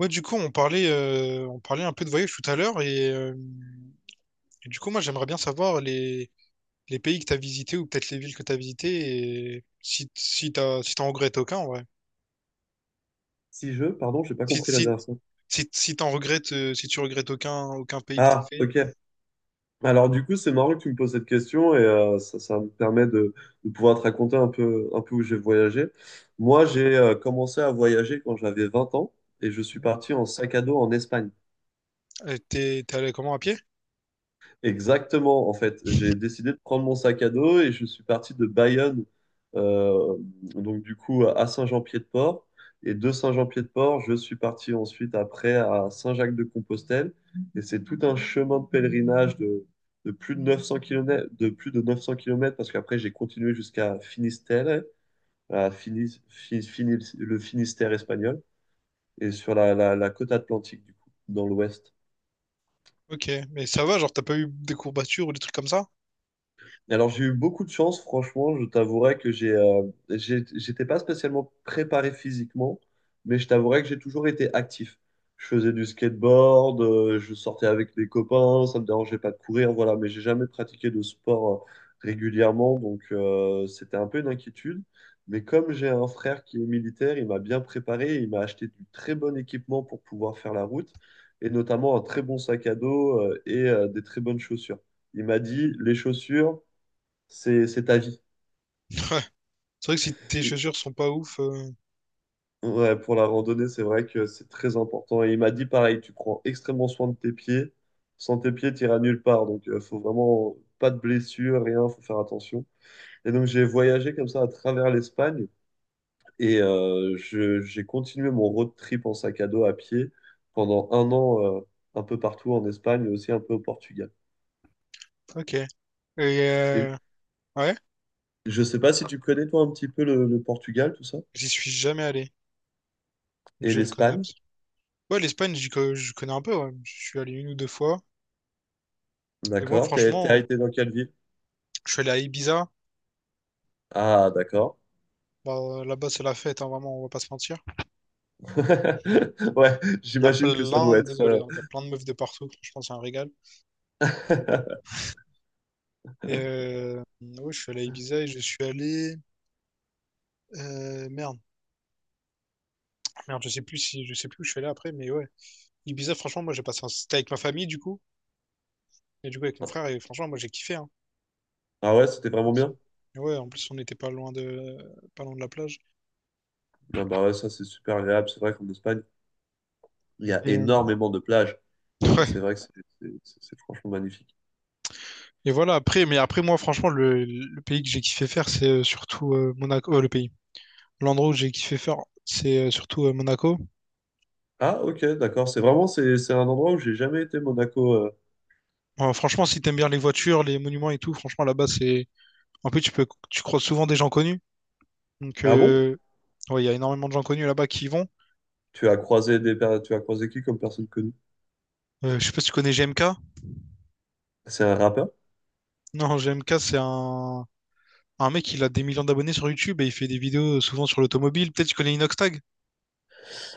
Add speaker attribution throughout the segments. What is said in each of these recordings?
Speaker 1: Ouais, du coup, on parlait un peu de voyage tout à l'heure et du coup, moi, j'aimerais bien savoir les pays que t'as visités ou peut-être les villes que t'as visitées et si t'en regrettes aucun, en vrai.
Speaker 2: Si je, pardon, j'ai pas
Speaker 1: Si,
Speaker 2: compris la
Speaker 1: si,
Speaker 2: dernière fois.
Speaker 1: Si t'en regrettes, si tu regrettes aucun pays que t'as
Speaker 2: Ah,
Speaker 1: fait,
Speaker 2: ok. Alors du coup, c'est marrant que tu me poses cette question et ça, ça me permet de pouvoir te raconter un peu où j'ai voyagé. Moi, j'ai commencé à voyager quand j'avais 20 ans et je suis parti en sac à dos en Espagne.
Speaker 1: t'es allé comment à pied?
Speaker 2: Exactement, en fait, j'ai décidé de prendre mon sac à dos et je suis parti de Bayonne, euh, donc du coup à Saint-Jean-Pied-de-Port. Et de Saint-Jean-Pied-de-Port, je suis parti ensuite après à Saint-Jacques-de-Compostelle. Et c'est tout un chemin de pèlerinage de plus de 900 km, de plus de 900 kilomètres parce qu'après j'ai continué jusqu'à Finistère, à Finis- Fi- Finis- le Finistère espagnol, et sur la, la côte atlantique, du coup, dans l'ouest.
Speaker 1: Ok, mais ça va, genre, t'as pas eu des courbatures ou des trucs comme ça?
Speaker 2: Alors j'ai eu beaucoup de chance, franchement, je t'avouerai que j'étais pas spécialement préparé physiquement, mais je t'avouerai que j'ai toujours été actif. Je faisais du skateboard, je sortais avec des copains, ça me dérangeait pas de courir, voilà, mais j'ai jamais pratiqué de sport régulièrement, donc c'était un peu une inquiétude. Mais comme j'ai un frère qui est militaire, il m'a bien préparé, il m'a acheté du très bon équipement pour pouvoir faire la route, et notamment un très bon sac à dos et des très bonnes chaussures. Il m'a dit, les chaussures, c'est ta vie.
Speaker 1: Ouais, c'est vrai que si tes
Speaker 2: Et-
Speaker 1: chaussures sont pas ouf,
Speaker 2: ouais, pour la randonnée, c'est vrai que c'est très important. Et il m'a dit pareil, tu prends extrêmement soin de tes pieds. Sans tes pieds, tu iras nulle part. Donc, il faut vraiment pas de blessures, rien, faut faire attention. Et donc, j'ai voyagé comme ça à travers l'Espagne et j'ai continué mon road trip en sac à dos à pied pendant un an, un peu partout en Espagne, et aussi un peu au Portugal.
Speaker 1: ok. Et
Speaker 2: Et
Speaker 1: euh, ouais,
Speaker 2: je sais pas si tu connais, toi, un petit peu le Portugal, tout ça,
Speaker 1: j'y suis jamais allé, donc
Speaker 2: et
Speaker 1: je ne connais
Speaker 2: l'Espagne.
Speaker 1: absolument. Ouais, l'Espagne, je connais un peu, ouais. Je suis allé une ou deux fois. Et moi,
Speaker 2: D'accord. T'as
Speaker 1: franchement,
Speaker 2: été dans quelle ville?
Speaker 1: je suis allé à Ibiza.
Speaker 2: Ah, d'accord.
Speaker 1: Bah, là-bas, c'est la fête, hein, vraiment, on va pas se mentir.
Speaker 2: Ouais,
Speaker 1: Il y a
Speaker 2: j'imagine que ça
Speaker 1: plein,
Speaker 2: doit être.
Speaker 1: désolé, hein, il y a plein de meufs de partout. Franchement, c'est un régal. Et ouais, je suis allé à Ibiza et je suis allé. euh, merde, Merde, je sais plus si, je sais plus où je suis allé après, mais ouais. Ibiza, franchement, moi, j'ai passé un. C'était avec ma famille, du coup, et du coup, avec mon frère, et franchement, moi, j'ai kiffé. Hein.
Speaker 2: Ah ouais, c'était vraiment
Speaker 1: Franchement,
Speaker 2: bien.
Speaker 1: c'est- et ouais, en plus, on n'était pas loin de, pas loin de la plage.
Speaker 2: Ah bah ouais, ça c'est super agréable. C'est vrai qu'en Espagne, il y a
Speaker 1: Et,
Speaker 2: énormément de plages. Et c'est
Speaker 1: ouais.
Speaker 2: vrai que c'est franchement magnifique.
Speaker 1: Et voilà, après, mais après, moi, franchement, le pays que j'ai kiffé faire, c'est surtout Monaco, le pays. L'endroit où j'ai kiffé faire, c'est surtout Monaco.
Speaker 2: Ah ok, d'accord. C'est vraiment c'est un endroit où j'ai jamais été, Monaco.
Speaker 1: Franchement, si t'aimes bien les voitures, les monuments et tout, franchement, là-bas, c'est. En plus, tu peux, tu croises souvent des gens connus. Donc,
Speaker 2: Ah bon?
Speaker 1: ouais, il y a énormément de gens connus là-bas qui y vont.
Speaker 2: Tu as croisé qui comme personne connue?
Speaker 1: Je sais pas si tu connais GMK.
Speaker 2: C'est un rappeur?
Speaker 1: Non, GMK, c'est un. Un mec, il a des millions d'abonnés sur YouTube et il fait des vidéos souvent sur l'automobile. Peut-être que tu connais Inoxtag?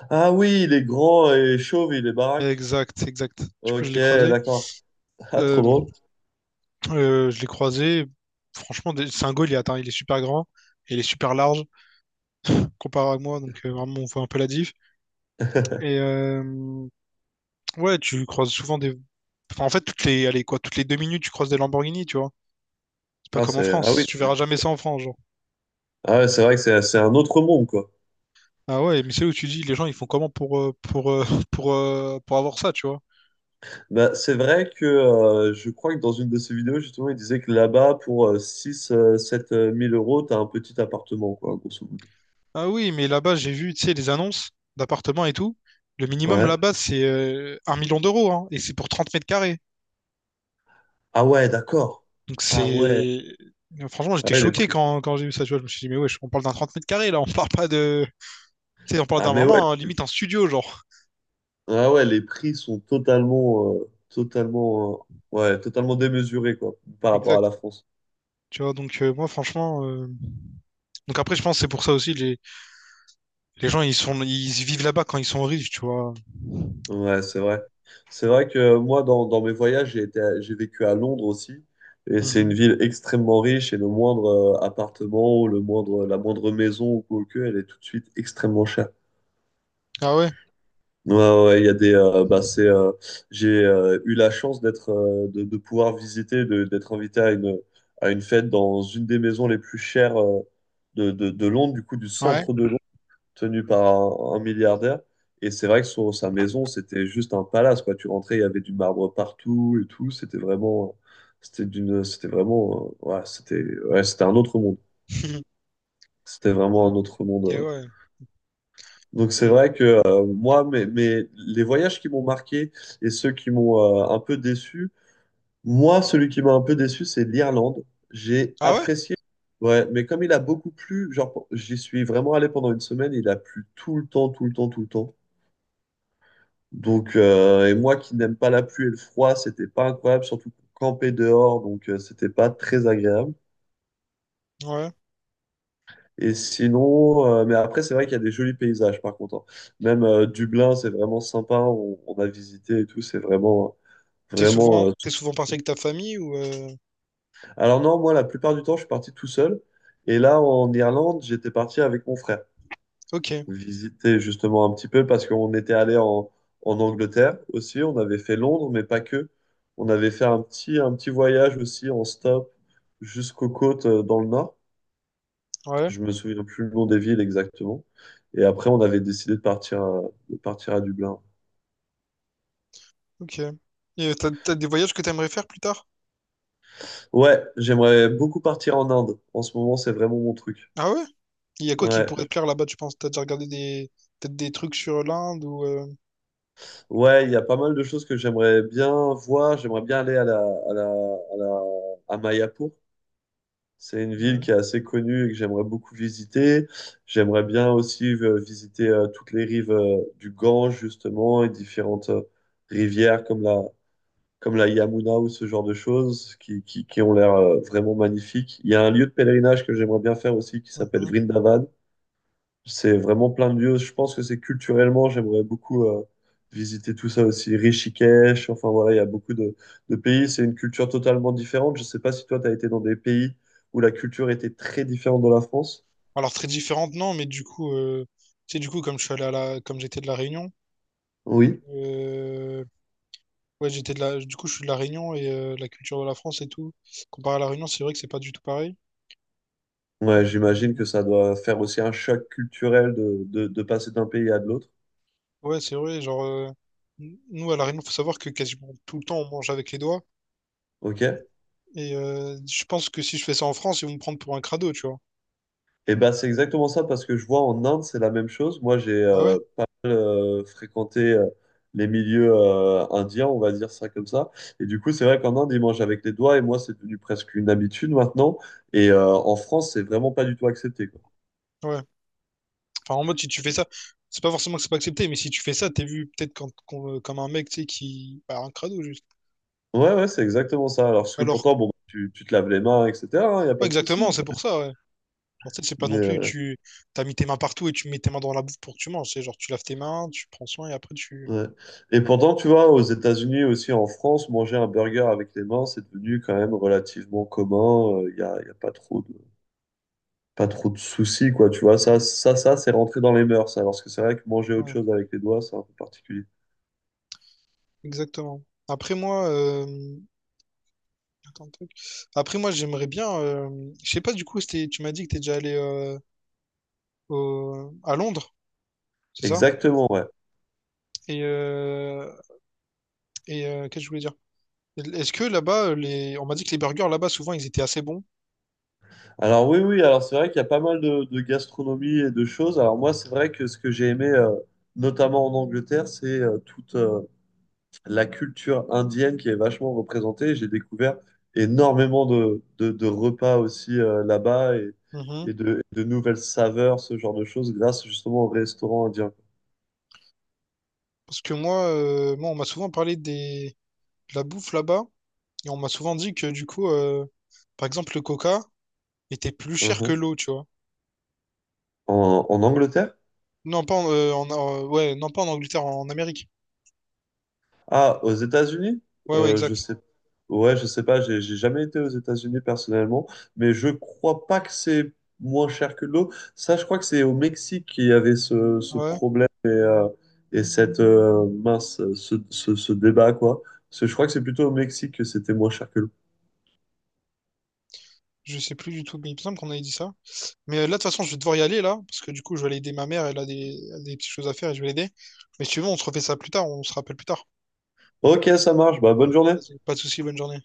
Speaker 2: Ah oui, il est grand et chauve, il est baraque.
Speaker 1: Exact, exact. Du coup, je
Speaker 2: Ok,
Speaker 1: l'ai croisé.
Speaker 2: d'accord. Ah trop
Speaker 1: Euh,
Speaker 2: drôle.
Speaker 1: je l'ai croisé. Franchement, c'est un goal, il est, attends, il est super grand et il est super large comparé à moi. Donc, vraiment, on voit un peu la diff. Et ouais, tu croises souvent des. Enfin, en fait, toutes les, allez, quoi, toutes les deux minutes, tu croises des Lamborghini, tu vois. C'est pas
Speaker 2: Ah
Speaker 1: comme en
Speaker 2: c'est ah
Speaker 1: France.
Speaker 2: oui,
Speaker 1: Tu
Speaker 2: c'est
Speaker 1: verras jamais ça en France, genre.
Speaker 2: Ah ouais, c'est vrai que c'est un autre monde quoi.
Speaker 1: Ah ouais, mais c'est où tu dis, les gens, ils font comment pour avoir ça, tu vois.
Speaker 2: Bah, c'est vrai que je crois que dans une de ses vidéos, justement, il disait que là-bas, pour 6, 7 euros, t'as un petit appartement, quoi, grosso modo.
Speaker 1: Ah oui, mais là-bas, j'ai vu, tu sais, les annonces d'appartements et tout. Le minimum
Speaker 2: Ouais.
Speaker 1: là-bas, c'est un million d'euros, hein, et c'est pour 30 mètres carrés.
Speaker 2: Ah ouais, d'accord.
Speaker 1: Donc
Speaker 2: Ah ouais.
Speaker 1: c'est. Franchement,
Speaker 2: Ah
Speaker 1: j'étais
Speaker 2: ouais, les
Speaker 1: choqué
Speaker 2: prix.
Speaker 1: quand j'ai vu ça, tu vois. Je me suis dit, mais wesh, on parle d'un 30 mètres carrés, là, on parle pas de. Tu sais, on parle
Speaker 2: Ah
Speaker 1: d'un
Speaker 2: mais ouais.
Speaker 1: vraiment, hein, limite, un studio, genre.
Speaker 2: Ah ouais, les prix sont totalement, totalement, ouais, totalement démesurés, quoi, par rapport à
Speaker 1: Exact.
Speaker 2: la France.
Speaker 1: Tu vois, donc donc après je pense que c'est pour ça aussi les gens ils vivent là-bas quand ils sont riches, tu vois.
Speaker 2: Ouais, c'est vrai. C'est vrai que moi, dans, dans mes voyages, j'ai vécu à Londres aussi. Et c'est une
Speaker 1: Mhm.
Speaker 2: ville extrêmement riche et le moindre appartement ou le moindre, la moindre maison ou quoi que, elle est tout de suite extrêmement chère.
Speaker 1: Ah ouais,
Speaker 2: Ouais, ouais, ouais, il y a des, bah, c'est, j'ai eu la chance d'être, de pouvoir visiter, d'être invité à une fête dans une des maisons les plus chères de Londres, du coup, du
Speaker 1: ouais.
Speaker 2: centre de Londres tenu par un milliardaire. Et c'est vrai que sur sa maison, c'était juste un palace, quoi. Tu rentrais, il y avait du marbre partout et tout. C'était vraiment, c'était d'une, c'était vraiment, ouais, c'était un autre monde. C'était vraiment un autre monde.
Speaker 1: Et ouais.
Speaker 2: Donc c'est
Speaker 1: Et-
Speaker 2: vrai que moi, mais les voyages qui m'ont marqué et ceux qui m'ont un peu déçu, moi, celui qui m'a un peu déçu, c'est l'Irlande. J'ai
Speaker 1: Ah ouais?
Speaker 2: apprécié. Ouais, mais comme il a beaucoup plu, genre, j'y suis vraiment allé pendant une semaine, il a plu tout le temps, tout le temps, tout le temps. Donc, et moi qui n'aime pas la pluie et le froid, c'était pas incroyable, surtout pour camper dehors, donc c'était pas très agréable.
Speaker 1: Ouais.
Speaker 2: Et sinon, mais après, c'est vrai qu'il y a des jolis paysages par contre, hein. Même Dublin, c'est vraiment sympa, on a visité et tout, c'est vraiment, vraiment.
Speaker 1: T'es souvent parti avec ta famille ou
Speaker 2: Alors, non, moi, la plupart du temps, je suis parti tout seul. Et là, en Irlande, j'étais parti avec mon frère.
Speaker 1: ok,
Speaker 2: Visiter justement un petit peu parce qu'on était allé en, en Angleterre aussi, on avait fait Londres, mais pas que. On avait fait un petit voyage aussi en stop jusqu'aux côtes dans le nord.
Speaker 1: ouais,
Speaker 2: Je me souviens plus le nom des villes exactement. Et après, on avait décidé de partir à Dublin.
Speaker 1: ok. Et t'as des voyages que t'aimerais faire plus tard?
Speaker 2: Ouais, j'aimerais beaucoup partir en Inde. En ce moment, c'est vraiment mon truc.
Speaker 1: Ah ouais? Il y a quoi qui
Speaker 2: Ouais,
Speaker 1: pourrait
Speaker 2: je-
Speaker 1: te plaire là-bas, tu penses? T'as déjà regardé des peut-être des trucs sur l'Inde ou
Speaker 2: ouais, il y a pas mal de choses que j'aimerais bien voir. J'aimerais bien aller à la, à la, à la, à Mayapur. C'est une ville
Speaker 1: ouais.
Speaker 2: qui est assez connue et que j'aimerais beaucoup visiter. J'aimerais bien aussi visiter toutes les rives du Gange, justement, et différentes rivières comme la Yamuna ou ce genre de choses qui ont l'air vraiment magnifiques. Il y a un lieu de pèlerinage que j'aimerais bien faire aussi qui s'appelle
Speaker 1: Mhm.
Speaker 2: Vrindavan. C'est vraiment plein de lieux. Je pense que c'est culturellement, j'aimerais beaucoup visiter tout ça aussi. Rishikesh, enfin voilà, il y a beaucoup de pays. C'est une culture totalement différente. Je sais pas si toi, tu as été dans des pays où la culture était très différente de la France.
Speaker 1: Alors très différentes non, mais du coup tu sais du coup comme je suis allé à la comme j'étais de la Réunion.
Speaker 2: Oui.
Speaker 1: euh, Ouais, j'étais de la. Du coup, je suis de La Réunion et la culture de la France et tout. Comparé à La Réunion, c'est vrai que c'est pas du tout pareil.
Speaker 2: Ouais, j'imagine
Speaker 1: Mm,
Speaker 2: que ça doit faire aussi un choc culturel de passer d'un pays à de l'autre.
Speaker 1: ouais, c'est vrai. Genre, nous, à La Réunion, faut savoir que quasiment tout le temps, on mange avec les doigts.
Speaker 2: Ok.
Speaker 1: Et je pense que si je fais ça en France, ils vont me prendre pour un crado, tu vois.
Speaker 2: Eh ben, c'est exactement ça parce que je vois en Inde, c'est la même chose. Moi, j'ai
Speaker 1: Ah ouais?
Speaker 2: pas mal fréquenté les milieux indiens, on va dire ça comme ça. Et du coup, c'est vrai qu'en Inde, ils mangent avec les doigts et moi, c'est devenu presque une habitude maintenant. Et en France, c'est vraiment pas du tout accepté, quoi.
Speaker 1: Ouais. Enfin, en mode, si tu fais
Speaker 2: C'est-
Speaker 1: ça, c'est pas forcément que c'est pas accepté, mais si tu fais ça, t'es vu peut-être comme un mec, tu sais, qui. Bah, un crado, juste.
Speaker 2: Ouais, ouais, c'est exactement ça. Alors, parce que
Speaker 1: Alors,
Speaker 2: pourtant, bon, tu te laves les mains, etc., il n'y a pas
Speaker 1: ouais,
Speaker 2: de
Speaker 1: exactement,
Speaker 2: souci.
Speaker 1: c'est pour ça, ouais. Genre, tu sais, c'est pas
Speaker 2: Mais,
Speaker 1: non plus, tu t'as mis tes mains partout et tu mets tes mains dans la bouffe pour que tu manges. C'est genre, tu laves tes mains, tu prends soin et après, tu.
Speaker 2: ouais. Et pourtant, tu vois, aux États-Unis aussi, en France, manger un burger avec les mains, c'est devenu quand même relativement commun. Il n'y a, y a pas trop de... pas trop de soucis, quoi, tu vois. Ça, c'est rentré dans les mœurs, alors parce que c'est vrai que manger autre
Speaker 1: Ouais,
Speaker 2: chose avec les doigts, c'est un peu particulier.
Speaker 1: exactement. Après moi, euh, Attends, tac. Après moi, j'aimerais bien. Je sais pas du coup, tu m'as dit que t'es déjà allé à Londres, c'est ça?
Speaker 2: Exactement, ouais.
Speaker 1: Et et qu'est-ce que je voulais dire? Est-ce que là-bas, on m'a dit que les burgers là-bas souvent ils étaient assez bons.
Speaker 2: Alors oui, oui, alors c'est vrai qu'il y a pas mal de gastronomie et de choses. Alors moi, c'est vrai que ce que j'ai aimé, notamment en Angleterre, c'est toute la culture indienne qui est vachement représentée. J'ai découvert énormément de, de repas aussi là-bas
Speaker 1: Mhm.
Speaker 2: et de nouvelles saveurs, ce genre de choses, grâce justement au restaurant indien.
Speaker 1: Parce que moi, on m'a souvent parlé des de la bouffe là-bas et on m'a souvent dit que du coup, par exemple, le Coca était plus cher que
Speaker 2: Mhm.
Speaker 1: l'eau, tu vois.
Speaker 2: En, en Angleterre?
Speaker 1: Non pas en, en- en- ouais, non pas en Angleterre, en Amérique.
Speaker 2: Ah, aux États-Unis?
Speaker 1: Ouais, ouais,
Speaker 2: Je
Speaker 1: exact.
Speaker 2: sais. Ouais, je sais pas, j'ai jamais été aux États-Unis personnellement, mais je crois pas que c'est moins cher que l'eau. Ça, je crois que c'est au Mexique qu'il y avait ce, ce
Speaker 1: Ouais.
Speaker 2: problème et cette mince, ce débat, quoi. Parce que je crois que c'est plutôt au Mexique que c'était moins cher que l'eau.
Speaker 1: Je sais plus du tout, mais il me semble qu'on avait dit ça. Mais là, de toute façon, je vais devoir y aller là, parce que du coup, je vais aller aider ma mère, elle a elle a des petites choses à faire et je vais l'aider. Mais si tu veux, on se refait ça plus tard, on se rappelle plus tard.
Speaker 2: Ok, ça marche, bah, bonne journée.
Speaker 1: Vas-y, pas de soucis, bonne journée.